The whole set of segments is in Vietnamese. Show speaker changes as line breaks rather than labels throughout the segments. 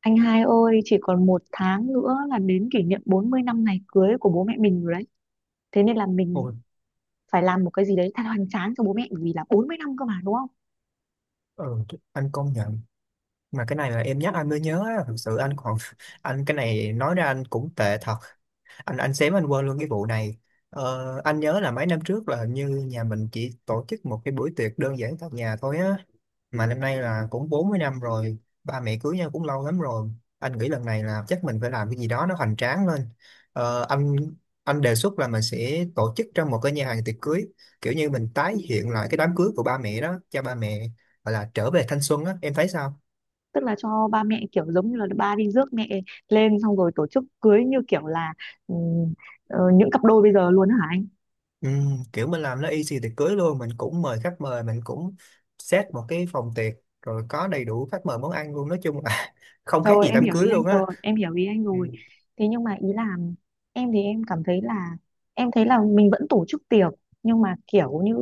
Anh hai ơi, chỉ còn một tháng nữa là đến kỷ niệm 40 năm ngày cưới của bố mẹ mình rồi đấy. Thế nên là mình
Ôi,
phải làm một cái gì đấy thật hoành tráng cho bố mẹ, bởi vì là 40 năm cơ mà, đúng không?
ờ, anh công nhận mà cái này là em nhắc anh mới nhớ á, thực sự anh còn anh cái này nói ra anh cũng tệ thật. Anh xém anh quên luôn cái vụ này. Anh nhớ là mấy năm trước là hình như nhà mình chỉ tổ chức một cái buổi tiệc đơn giản tại nhà thôi á, mà năm nay là cũng 40 năm rồi, ba mẹ cưới nhau cũng lâu lắm rồi. Anh nghĩ lần này là chắc mình phải làm cái gì đó nó hoành tráng lên. ờ, anh anh đề xuất là mình sẽ tổ chức trong một cái nhà hàng tiệc cưới, kiểu như mình tái hiện lại cái đám cưới của ba mẹ đó cho ba mẹ, gọi là trở về thanh xuân á, em thấy sao?
Tức là cho ba mẹ kiểu giống như là ba đi rước mẹ lên, xong rồi tổ chức cưới như kiểu là ừm, những cặp đôi bây giờ luôn hả?
Ừ, kiểu mình làm nó easy tiệc cưới luôn, mình cũng mời khách mời, mình cũng set một cái phòng tiệc, rồi có đầy đủ khách mời món ăn luôn, nói chung là không khác
Rồi,
gì
em
đám
hiểu
cưới
ý anh
luôn
rồi,
á.
em hiểu ý anh
Ừ.
rồi. Thế nhưng mà ý là em thì em cảm thấy là em thấy là mình vẫn tổ chức tiệc, nhưng mà kiểu như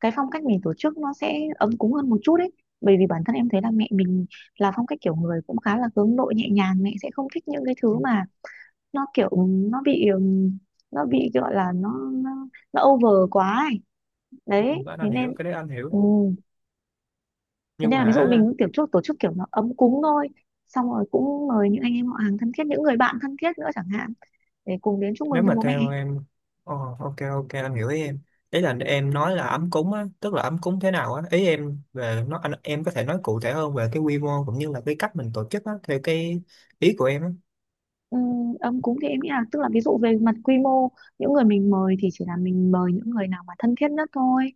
cái phong cách mình tổ chức nó sẽ ấm cúng hơn một chút ấy. Bởi vì bản thân em thấy là mẹ mình là phong cách kiểu người cũng khá là hướng nội, nhẹ nhàng, mẹ sẽ không thích những cái
ừ,
thứ mà nó kiểu nó bị ừm, nó bị gọi là nó over quá ấy. Đấy,
anh
thế
anh hiểu
nên
cái đấy anh hiểu,
ừ, thế
nhưng
nên là
mà
ví dụ
hả,
mình kiểu chút tổ chức kiểu nó ấm cúng thôi, xong rồi cũng mời những anh em họ hàng thân thiết, những người bạn thân thiết nữa chẳng hạn, để cùng đến chúc
nếu
mừng cho
mà
bố mẹ.
theo em, oh, ok ok anh hiểu ý em. Ý là em nói là ấm cúng á, tức là ấm cúng thế nào á, ý em về nó anh em có thể nói cụ thể hơn về cái quy mô cũng như là cái cách mình tổ chức á, theo cái ý của em á.
Ấm cúng thì em nghĩ là tức là ví dụ về mặt quy mô, những người mình mời thì chỉ là mình mời những người nào mà thân thiết nhất thôi,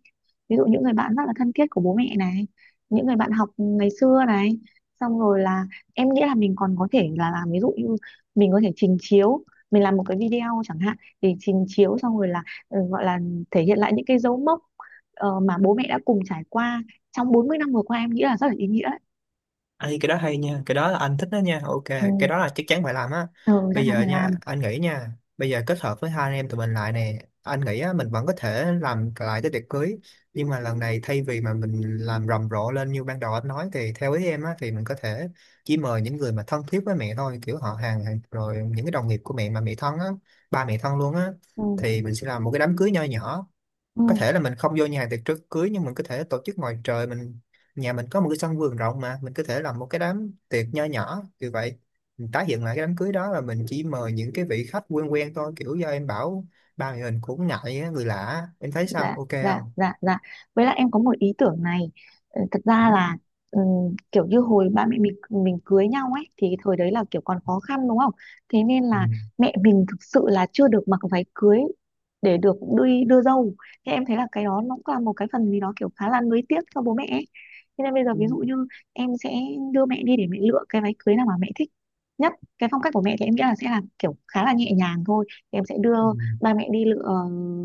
ví dụ những người bạn rất là thân thiết của bố mẹ này, những người bạn học ngày xưa này, xong rồi là em nghĩ là mình còn có thể là làm ví dụ như mình có thể trình chiếu, mình làm một cái video chẳng hạn, thì trình chiếu xong rồi là gọi là thể hiện lại những cái dấu mốc mà bố mẹ đã cùng trải qua trong 40 năm vừa qua, em nghĩ là rất là ý nghĩa đấy.
Ê, cái đó hay nha, cái đó là anh thích đó nha, ok,
Ừ,
cái đó là chắc chắn phải làm á.
ừ chắc
Bây
chắn
giờ
phải
nha,
làm.
anh nghĩ nha, bây giờ kết hợp với hai anh em tụi mình lại nè, anh nghĩ á, mình vẫn có thể làm lại cái tiệc cưới, nhưng mà lần này thay vì mà mình làm rầm rộ lên như ban đầu anh nói thì theo ý em á, thì mình có thể chỉ mời những người mà thân thiết với mẹ thôi, kiểu rồi những cái đồng nghiệp của mẹ mà mẹ thân á, ba mẹ thân luôn á,
Ừ,
thì mình sẽ làm một cái đám cưới nho nhỏ.
ừ.
Có thể là mình không vô nhà hàng tiệc trước cưới, nhưng mình có thể tổ chức ngoài trời, mình, nhà mình có một cái sân vườn rộng mà mình có thể làm một cái đám tiệc nho nhỏ như vậy. Mình tái hiện lại cái đám cưới đó, là mình chỉ mời những cái vị khách quen quen thôi, kiểu do em bảo ba người mình cũng ngại á, người lạ á. Em thấy sao,
Dạ
ok
dạ
không?
dạ dạ, với lại em có một ý tưởng này. Ờ, thật
Ừ?
ra là kiểu như hồi ba mẹ mình cưới nhau ấy, thì thời đấy là kiểu còn khó khăn, đúng không? Thế nên
Ừ.
là mẹ mình thực sự là chưa được mặc váy cưới để được đi đưa dâu. Thế em thấy là cái đó nó cũng là một cái phần gì đó kiểu khá là nuối tiếc cho bố mẹ ấy. Thế nên bây giờ
Ừ.
ví dụ như em sẽ đưa mẹ đi để mẹ lựa cái váy cưới nào mà mẹ thích nhất. Cái phong cách của mẹ thì em nghĩ là sẽ là kiểu khá là nhẹ nhàng thôi, thì em sẽ đưa
Ừ.
ba mẹ đi lựa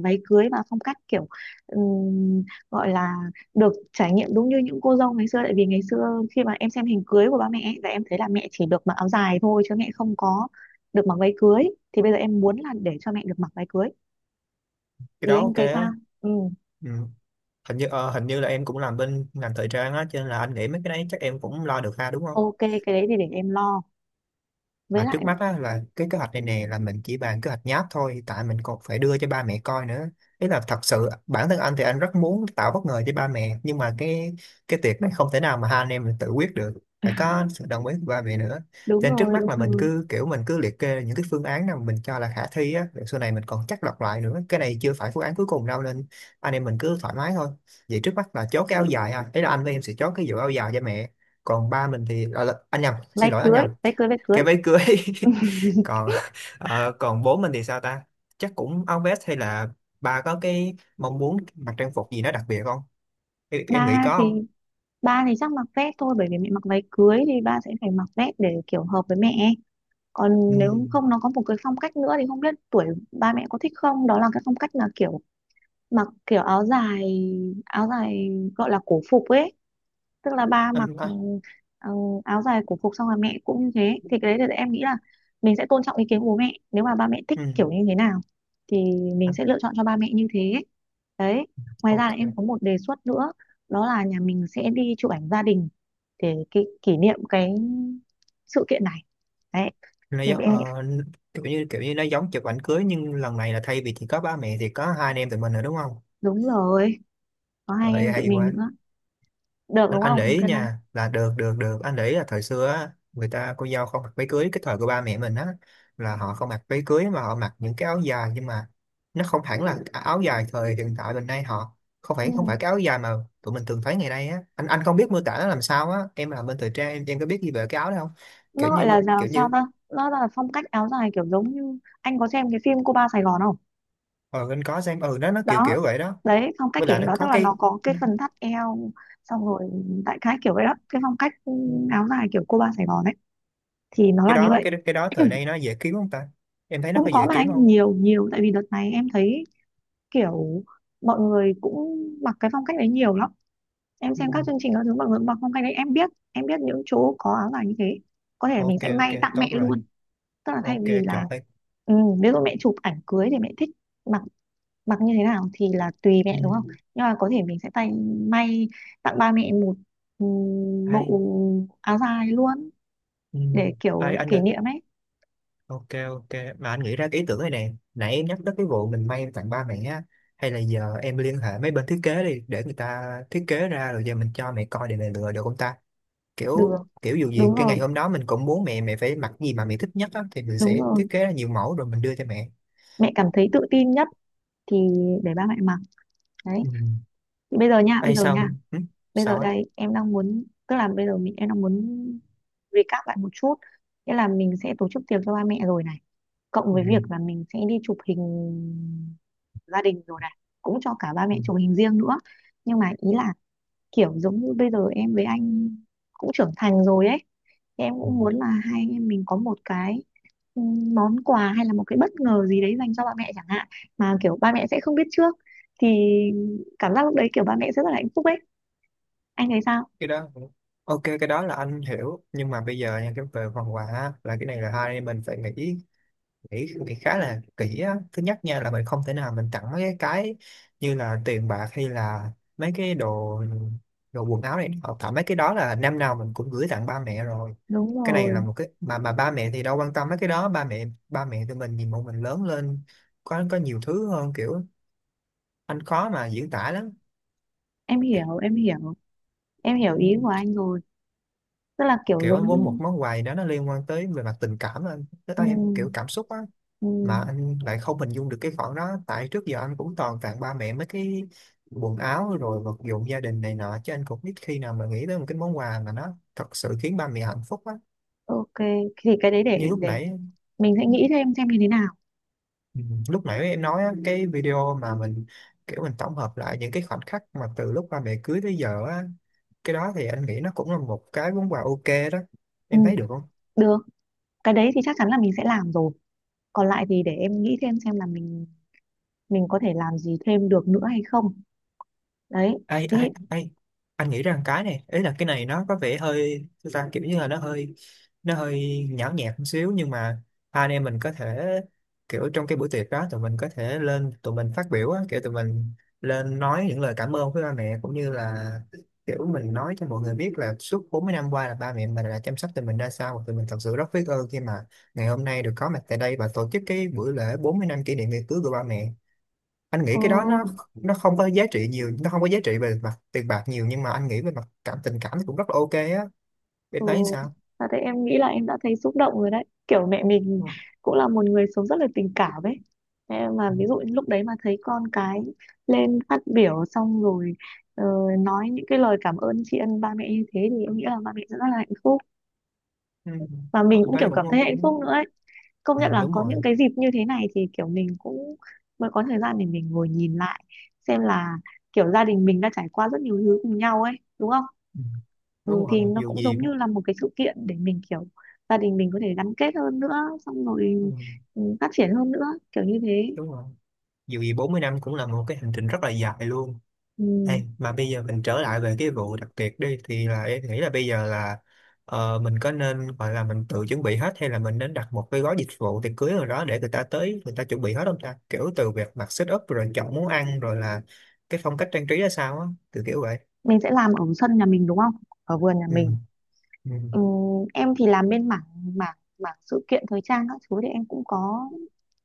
váy cưới, và phong cách kiểu ừm, gọi là được trải nghiệm đúng như những cô dâu ngày xưa. Tại vì ngày xưa khi mà em xem hình cưới của ba mẹ ấy, là em thấy là mẹ chỉ được mặc áo dài thôi chứ mẹ không có được mặc váy cưới. Thì bây giờ em muốn là để cho mẹ được mặc váy cưới.
Cái
Thì
đó
anh
ok
thấy
á.
sao? Ừ,
Ừ. Hình như hình như là em cũng làm bên ngành thời trang á, cho nên là anh nghĩ mấy cái đấy chắc em cũng lo được ha, đúng không?
ok cái đấy thì để em lo. Với
Mà trước
lại
mắt á, là cái kế hoạch này nè là mình chỉ bàn kế hoạch nháp thôi, tại mình còn phải đưa cho ba mẹ coi nữa. Ý là thật sự bản thân anh thì anh rất muốn tạo bất ngờ cho ba mẹ, nhưng mà cái việc này không thể nào mà hai anh em mình tự quyết được, phải có sự đồng ý của ba mẹ nữa.
đúng
Cho nên trước
rồi
mắt
đúng
là mình
rồi,
cứ kiểu mình cứ liệt kê những cái phương án nào mình cho là khả thi á, rồi sau này mình còn chắc lọc lại nữa, cái này chưa phải phương án cuối cùng đâu nên anh em mình cứ thoải mái thôi. Vậy trước mắt là chốt cái áo dài ha, ý là anh với em sẽ chốt cái vụ áo dài cho mẹ, còn ba mình thì à, anh nhầm, xin
váy
lỗi anh
cưới
nhầm,
váy cưới váy cưới.
cái váy cưới. Còn còn bố mình thì sao ta, chắc cũng áo vest hay là bà có cái mong muốn mặc trang phục gì nó đặc biệt không? Em nghĩ
Ba
có
thì
không?
ba thì chắc mặc vest thôi, bởi vì mẹ mặc váy cưới thì ba sẽ phải mặc vest để kiểu hợp với mẹ.
Ừ.
Còn nếu không nó có một cái phong cách nữa thì không biết tuổi ba mẹ có thích không, đó là cái phong cách là kiểu mặc kiểu áo dài, áo dài gọi là cổ phục ấy. Tức là ba mặc
anh à,
ừ, áo dài cổ phục, xong là mẹ cũng như thế. Thì cái đấy thì em nghĩ là mình sẽ tôn trọng ý kiến của bố mẹ, nếu mà ba mẹ thích
ừ.
kiểu như thế nào thì mình
anh
sẽ lựa chọn cho ba mẹ như thế. Đấy, ngoài ra là em
ok.
có một đề xuất nữa, đó là nhà mình sẽ đi chụp ảnh gia đình để kỷ, kỷ niệm cái sự kiện này. Đấy,
Nó
thì
giống
em.
kiểu như nó giống chụp ảnh cưới, nhưng lần này là thay vì chỉ có ba mẹ thì có hai anh em tụi mình rồi đúng không?
Đúng rồi, có hai anh
Rồi
em tụi
hay
mình
quá.
nữa. Được
anh
đúng
anh
không?
để ý
Ok là.
nha là được được được, anh để ý là thời xưa á, người ta cô dâu không mặc váy cưới, cái thời của ba mẹ mình á, là họ không mặc váy cưới mà họ mặc những cái áo dài, nhưng mà nó không hẳn là áo dài thời hiện tại mình nay, họ không
Ừ.
phải không phải cái áo dài mà tụi mình thường thấy ngày nay á. Anh không biết mô tả nó làm sao á, em làm bên thời trang, em có biết gì về cái áo đó không? kiểu
Nó gọi
như
là giàu
kiểu
sao
như
ta? Nó là phong cách áo dài kiểu giống như anh có xem cái phim Cô Ba Sài Gòn không?
ờ anh có xem, ừ nó kiểu
Đó.
kiểu vậy đó.
Đấy, phong cách
Với
kiểu
lại
như
nó
đó, tức
có
là nó
cái,
có cái
nó-
phần thắt eo, xong rồi đại khái kiểu vậy đó. Cái phong cách áo dài kiểu Cô Ba Sài Gòn ấy, thì nó
cái
là như
đó,
vậy.
cái đó thời nay nó dễ kiếm không ta, em thấy nó
Cũng
có
có
dễ
mà
kiếm
anh,
không?
nhiều nhiều, tại vì đợt này em thấy kiểu mọi người cũng mặc cái phong cách đấy nhiều lắm. Em
Ừ.
xem các chương trình các thứ bằng lụa bọc không, cái đấy em biết, em biết những chỗ có áo dài như thế. Có thể là
Ok
mình sẽ
ok
may tặng mẹ
tốt rồi.
luôn, tức là thay
Ok
vì là
trời.
ừ, ví dụ mẹ chụp ảnh cưới thì mẹ thích mặc mặc như thế nào thì là tùy mẹ, đúng không.
Ừ.
Nhưng mà có thể mình sẽ tay may tặng ba mẹ một ừ,
ai.
bộ áo dài luôn
Ừ.
để
ai
kiểu
anh
kỷ
ạ.
niệm ấy.
Ok ok, mà anh nghĩ ra cái ý tưởng này nè, nãy em nhắc tới cái vụ mình may tặng ba mẹ á, hay là giờ em liên hệ mấy bên thiết kế đi để người ta thiết kế ra, rồi giờ mình cho mẹ coi để mẹ lựa được không ta?
Được,
Kiểu kiểu dù gì
đúng
cái ngày
rồi
hôm đó mình cũng muốn mẹ mẹ phải mặc gì mà mẹ thích nhất á, thì mình
đúng
sẽ
rồi,
thiết kế ra nhiều mẫu rồi mình đưa cho mẹ.
mẹ cảm thấy tự tin nhất thì để ba mẹ mặc. Đấy,
Ừ.
thì bây giờ nha, bây
ai
giờ nha,
xong ừ.
bây giờ
sao á
đây em đang muốn, tức là bây giờ em đang muốn recap lại một chút. Nghĩa là mình sẽ tổ chức tiệc cho ba mẹ rồi này, cộng
ừ.
với việc là mình sẽ đi chụp hình gia đình rồi này, cũng cho cả ba mẹ chụp hình riêng nữa. Nhưng mà ý là kiểu giống như bây giờ em với anh cũng trưởng thành rồi ấy, thì em
Ừ.
cũng muốn là hai anh em mình có một cái ừ, món quà hay là một cái bất ngờ gì đấy dành cho ba mẹ chẳng hạn, mà kiểu ba mẹ sẽ không biết trước, thì cảm giác lúc đấy kiểu ba mẹ sẽ rất là hạnh phúc ấy. Anh thấy sao?
Cái đó ok, cái đó là anh hiểu, nhưng mà bây giờ nha, cái về phần quà á, là cái này là hai anh em mình phải nghĩ nghĩ nghĩ khá là kỹ á. Thứ nhất nha là mình không thể nào mình tặng mấy cái như là tiền bạc hay là mấy cái đồ đồ quần áo này, hoặc tại mấy cái đó là năm nào mình cũng gửi tặng ba mẹ rồi.
Đúng
Cái này là
rồi,
một cái mà ba mẹ thì đâu quan tâm mấy cái đó, ba mẹ tụi mình nhìn bọn mình lớn lên có nhiều thứ hơn, kiểu anh khó mà diễn tả
em hiểu em hiểu, em hiểu ý của
lắm.
anh rồi, tức là kiểu
Kiểu
giống
anh muốn một
như
món quà gì đó nó liên quan tới về mặt tình cảm, anh tới
ừ,
tay em kiểu cảm xúc á,
ừ,
mà anh lại không hình dung được cái khoản đó, tại trước giờ anh cũng toàn tặng ba mẹ mấy cái quần áo rồi vật dụng gia đình này nọ, chứ anh cũng biết khi nào mà nghĩ tới một cái món quà mà nó thật sự khiến ba mẹ hạnh phúc á.
ok thì cái đấy
Như
để
lúc
để
nãy,
mình sẽ nghĩ thêm xem như thế nào.
ừ, lúc nãy em nói á, cái video mà mình kiểu mình tổng hợp lại những cái khoảnh khắc mà từ lúc ba mẹ cưới tới giờ á, cái đó thì anh nghĩ nó cũng là một cái món quà ok đó,
ừ,
em thấy được không?
được, cái đấy thì chắc chắn là mình sẽ làm rồi. Còn lại thì để em nghĩ thêm xem là mình có thể làm gì thêm được nữa hay không. Đấy
Ai
thì
ai ai. Anh nghĩ rằng cái này, ý là cái này nó có vẻ hơi sao ta, kiểu như là nó hơi, nó hơi nhão nhẹt một xíu, nhưng mà hai anh em mình có thể kiểu trong cái buổi tiệc đó tụi mình có thể lên tụi mình phát biểu á, kiểu tụi mình lên nói những lời cảm ơn với ba mẹ cũng như là kiểu mình nói cho mọi người biết là suốt 40 năm qua là ba mẹ mình đã chăm sóc tụi mình ra sao, và tụi mình thật sự rất biết ơn khi mà ngày hôm nay được có mặt tại đây và tổ chức cái buổi lễ 40 năm kỷ niệm ngày cưới của ba mẹ. Anh nghĩ
ừ,
cái đó nó không có giá trị nhiều, nó không có giá trị về mặt tiền bạc nhiều, nhưng mà anh nghĩ về mặt cảm tình cảm thì cũng rất là ok á, em
ừ,
thấy sao?
thật đấy, em nghĩ là em đã thấy xúc động rồi đấy. Kiểu mẹ mình
Ừ.
cũng là một người sống rất là tình cảm ấy. Em mà ví dụ như lúc đấy mà thấy con cái lên phát biểu xong rồi ờ, nói những cái lời cảm ơn tri ân ba mẹ như thế, thì em nghĩ là ba mẹ sẽ rất là hạnh phúc.
Ừ.
Và mình
Anh
cũng
thấy
kiểu
cũng,
cảm thấy hạnh phúc nữa ấy. Công
ừ,
nhận là
đúng
có những
rồi.
cái dịp như thế này thì kiểu mình cũng mới có thời gian để mình ngồi nhìn lại, xem là kiểu gia đình mình đã trải qua rất nhiều thứ cùng nhau ấy, đúng không.
Ừ.
Ừ,
Đúng rồi
thì nó
dù
cũng
gì,
giống như là một cái sự kiện để mình kiểu gia đình mình có thể gắn kết hơn nữa, xong
ừ,
rồi ừ, phát triển hơn nữa, kiểu như thế.
đúng rồi. Dù gì 40 năm cũng là một cái hành trình rất là dài luôn.
Ừ.
Ê, mà bây giờ mình trở lại về cái vụ đặc biệt đi, thì là em nghĩ là bây giờ là mình có nên gọi là mình tự chuẩn bị hết hay là mình nên đặt một cái gói dịch vụ tiệc cưới nào đó để người ta tới người ta chuẩn bị hết không ta, kiểu từ việc mặc set up rồi chọn món ăn rồi là cái phong cách trang trí ra sao á, từ kiểu vậy.
Mình sẽ làm ở sân nhà mình đúng không, ở vườn nhà
Ừ.
mình.
Ừ.
Ừ, em thì làm bên mảng mảng mảng sự kiện thời trang các thứ, thì em cũng có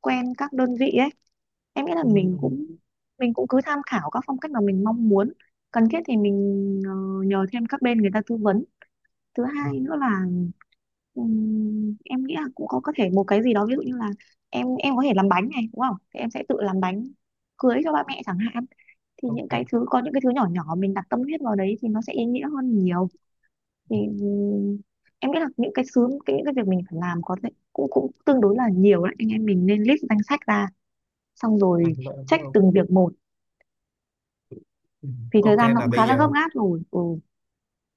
quen các đơn vị ấy. Em nghĩ là
Ừ.
mình cũng cứ tham khảo các phong cách mà mình mong muốn, cần thiết thì mình ờ, nhờ thêm các bên người ta tư vấn. Thứ
ừ,
hai nữa là em nghĩ là cũng có thể một cái gì đó, ví dụ như là em có thể làm bánh này đúng không, thì em sẽ tự làm bánh cưới cho ba mẹ chẳng hạn. Thì những
Ok.
cái thứ nhỏ nhỏ mình đặt tâm huyết vào đấy thì nó sẽ ý nghĩa hơn nhiều. Thì em nghĩ là những cái sứ cái những cái việc mình phải làm có thể cũng cũng tương đối là nhiều đấy, anh em mình nên list danh sách ra, xong rồi
Anh lỗi em thấy
check từng
không?
việc một,
Ừ,
vì thời
ok
gian nó
mà
cũng khá
bây
là gấp
giờ.
gáp rồi. Ừ,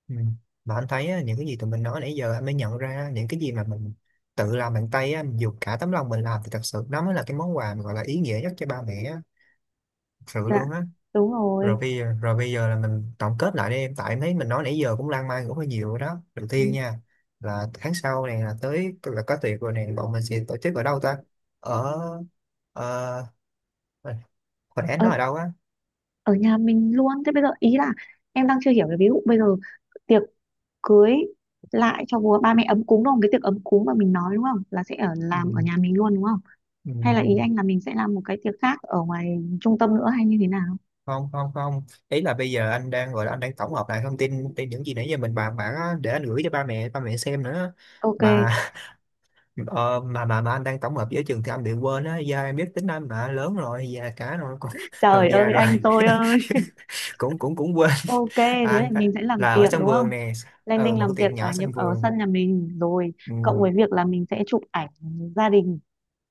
Ừ. Mà anh thấy á, những cái gì tụi mình nói nãy giờ anh mới nhận ra, những cái gì mà mình tự làm bằng tay á, mình dùng cả tấm lòng mình làm thì thật sự nó mới là cái món quà mà gọi là ý nghĩa nhất cho ba mẹ á, thật sự
dạ,
luôn á.
đúng rồi.
Rồi bây giờ là mình tổng kết lại đi em, tại em thấy mình nói nãy giờ cũng lan man cũng hơi nhiều rồi đó. Đầu tiên
Ừ,
nha, là tháng sau này là tới là có tiệc rồi này, bọn mình sẽ tổ chức ở đâu ta? Ở ờ, ờ, hồi nãy anh
ở,
nói ở đâu á?
ở nhà mình luôn. Thế bây giờ ý là em đang chưa hiểu, cái ví dụ bây giờ tiệc cưới lại cho ba mẹ ấm cúng đúng không, cái tiệc ấm cúng mà mình nói đúng không, là sẽ ở
Ừ.
làm ở nhà mình luôn đúng không,
Ừ.
hay là ý anh là mình sẽ làm một cái tiệc khác ở ngoài trung tâm nữa hay như thế nào?
Không không không, ý là bây giờ anh đang gọi là anh đang tổng hợp lại thông tin trên những gì nãy giờ mình bàn bạc á, để anh gửi cho ba mẹ, ba mẹ xem nữa.
Ok,
Mà ờ, mà anh đang tổng hợp với trường thì anh bị quên á, do em biết tính anh mà, lớn rồi già cả rồi còn,
trời
còn già
ơi
rồi,
anh tôi ơi.
cũng cũng cũng quên.
Ok, thế
À,
thì mình sẽ làm
là ở
tiệc
sân
đúng
vườn
không?
nè,
Lên
ừ
Đinh
một
làm
cái
tiệc
tiệc
ở
nhỏ
nhà-
sân
ở
vườn,
sân nhà mình rồi,
ừ,
cộng với việc là mình sẽ chụp ảnh gia đình,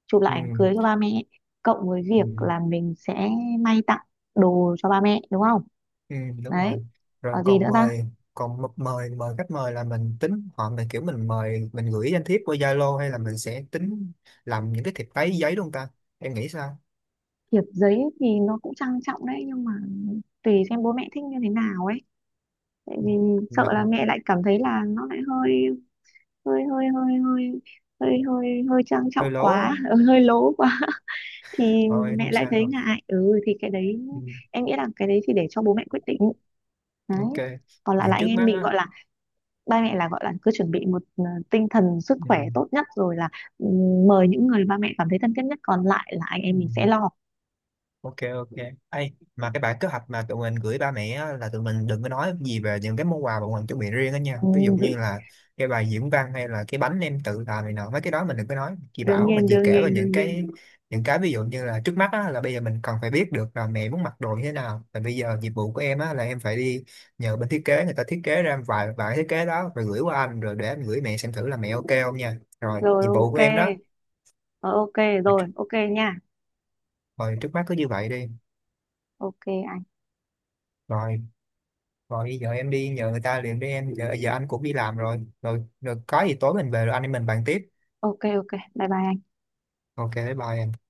chụp
ừ,
lại ảnh cưới cho ba mẹ, cộng với
ừ.
việc là mình sẽ may tặng đồ cho ba mẹ đúng không?
Ừ, đúng rồi.
Đấy.
Rồi
Ở gì nữa
còn
ta?
mời, còn mời mời khách mời là mình tính họ mình kiểu mình mời mình gửi danh thiếp qua Zalo hay là mình sẽ tính làm những cái thiệp giấy giấy luôn ta, em nghĩ sao?
Thiệp giấy thì nó cũng trang trọng đấy, nhưng mà tùy xem bố mẹ thích như thế nào ấy. Tại
Ừ,
vì sợ
mà
là mẹ lại cảm thấy là nó lại hơi hơi hơi hơi hơi hơi hơi hơi trang
hơi
trọng quá,
lố
hơi lố quá. Thì
rồi
mẹ
không
lại thấy
sao.
ngại. Ừ thì cái đấy
Ừ,
em nghĩ là cái đấy thì để cho bố mẹ quyết định. Đấy,
ok
còn lại là
vậy
anh
trước
em
mắt
mình
á.
gọi là ba mẹ là gọi là cứ chuẩn bị một tinh thần sức
Ừ.
khỏe tốt nhất rồi là ừ, mời những người ba mẹ cảm thấy thân thiết nhất, còn lại là anh
Ừ.
em mình sẽ lo.
Ok ok. Ê, mà cái bản kế hoạch mà tụi mình gửi ba mẹ á, là tụi mình đừng có nói gì về những cái món quà bọn mình chuẩn bị riêng đó nha,
Ừ,
ví dụ như là cái bài diễn văn hay là cái bánh em tự làm này nọ, mấy cái đó mình đừng có nói chị
đương
bảo, mình
nhiên
chỉ
đương
kể về
nhiên
những
đương nhiên.
cái, ví dụ như là trước mắt á, là bây giờ mình cần phải biết được là mẹ muốn mặc đồ như thế nào. Và bây giờ nhiệm vụ của em á, là em phải đi nhờ bên thiết kế, người ta thiết kế ra vài vài thiết kế đó rồi gửi qua anh, rồi để anh gửi mẹ xem thử là mẹ ok không nha, rồi
Rồi
nhiệm vụ của
ok.
em đó.
Ờ, ok. Rồi ok nha.
Rồi trước mắt cứ như vậy đi.
Ok anh.
Rồi rồi giờ em đi nhờ người ta liền đi em, giờ giờ anh cũng đi làm rồi, rồi rồi có gì tối mình về rồi anh em mình bàn tiếp.
Ok ok, bye bye anh.
Ok bye bye em.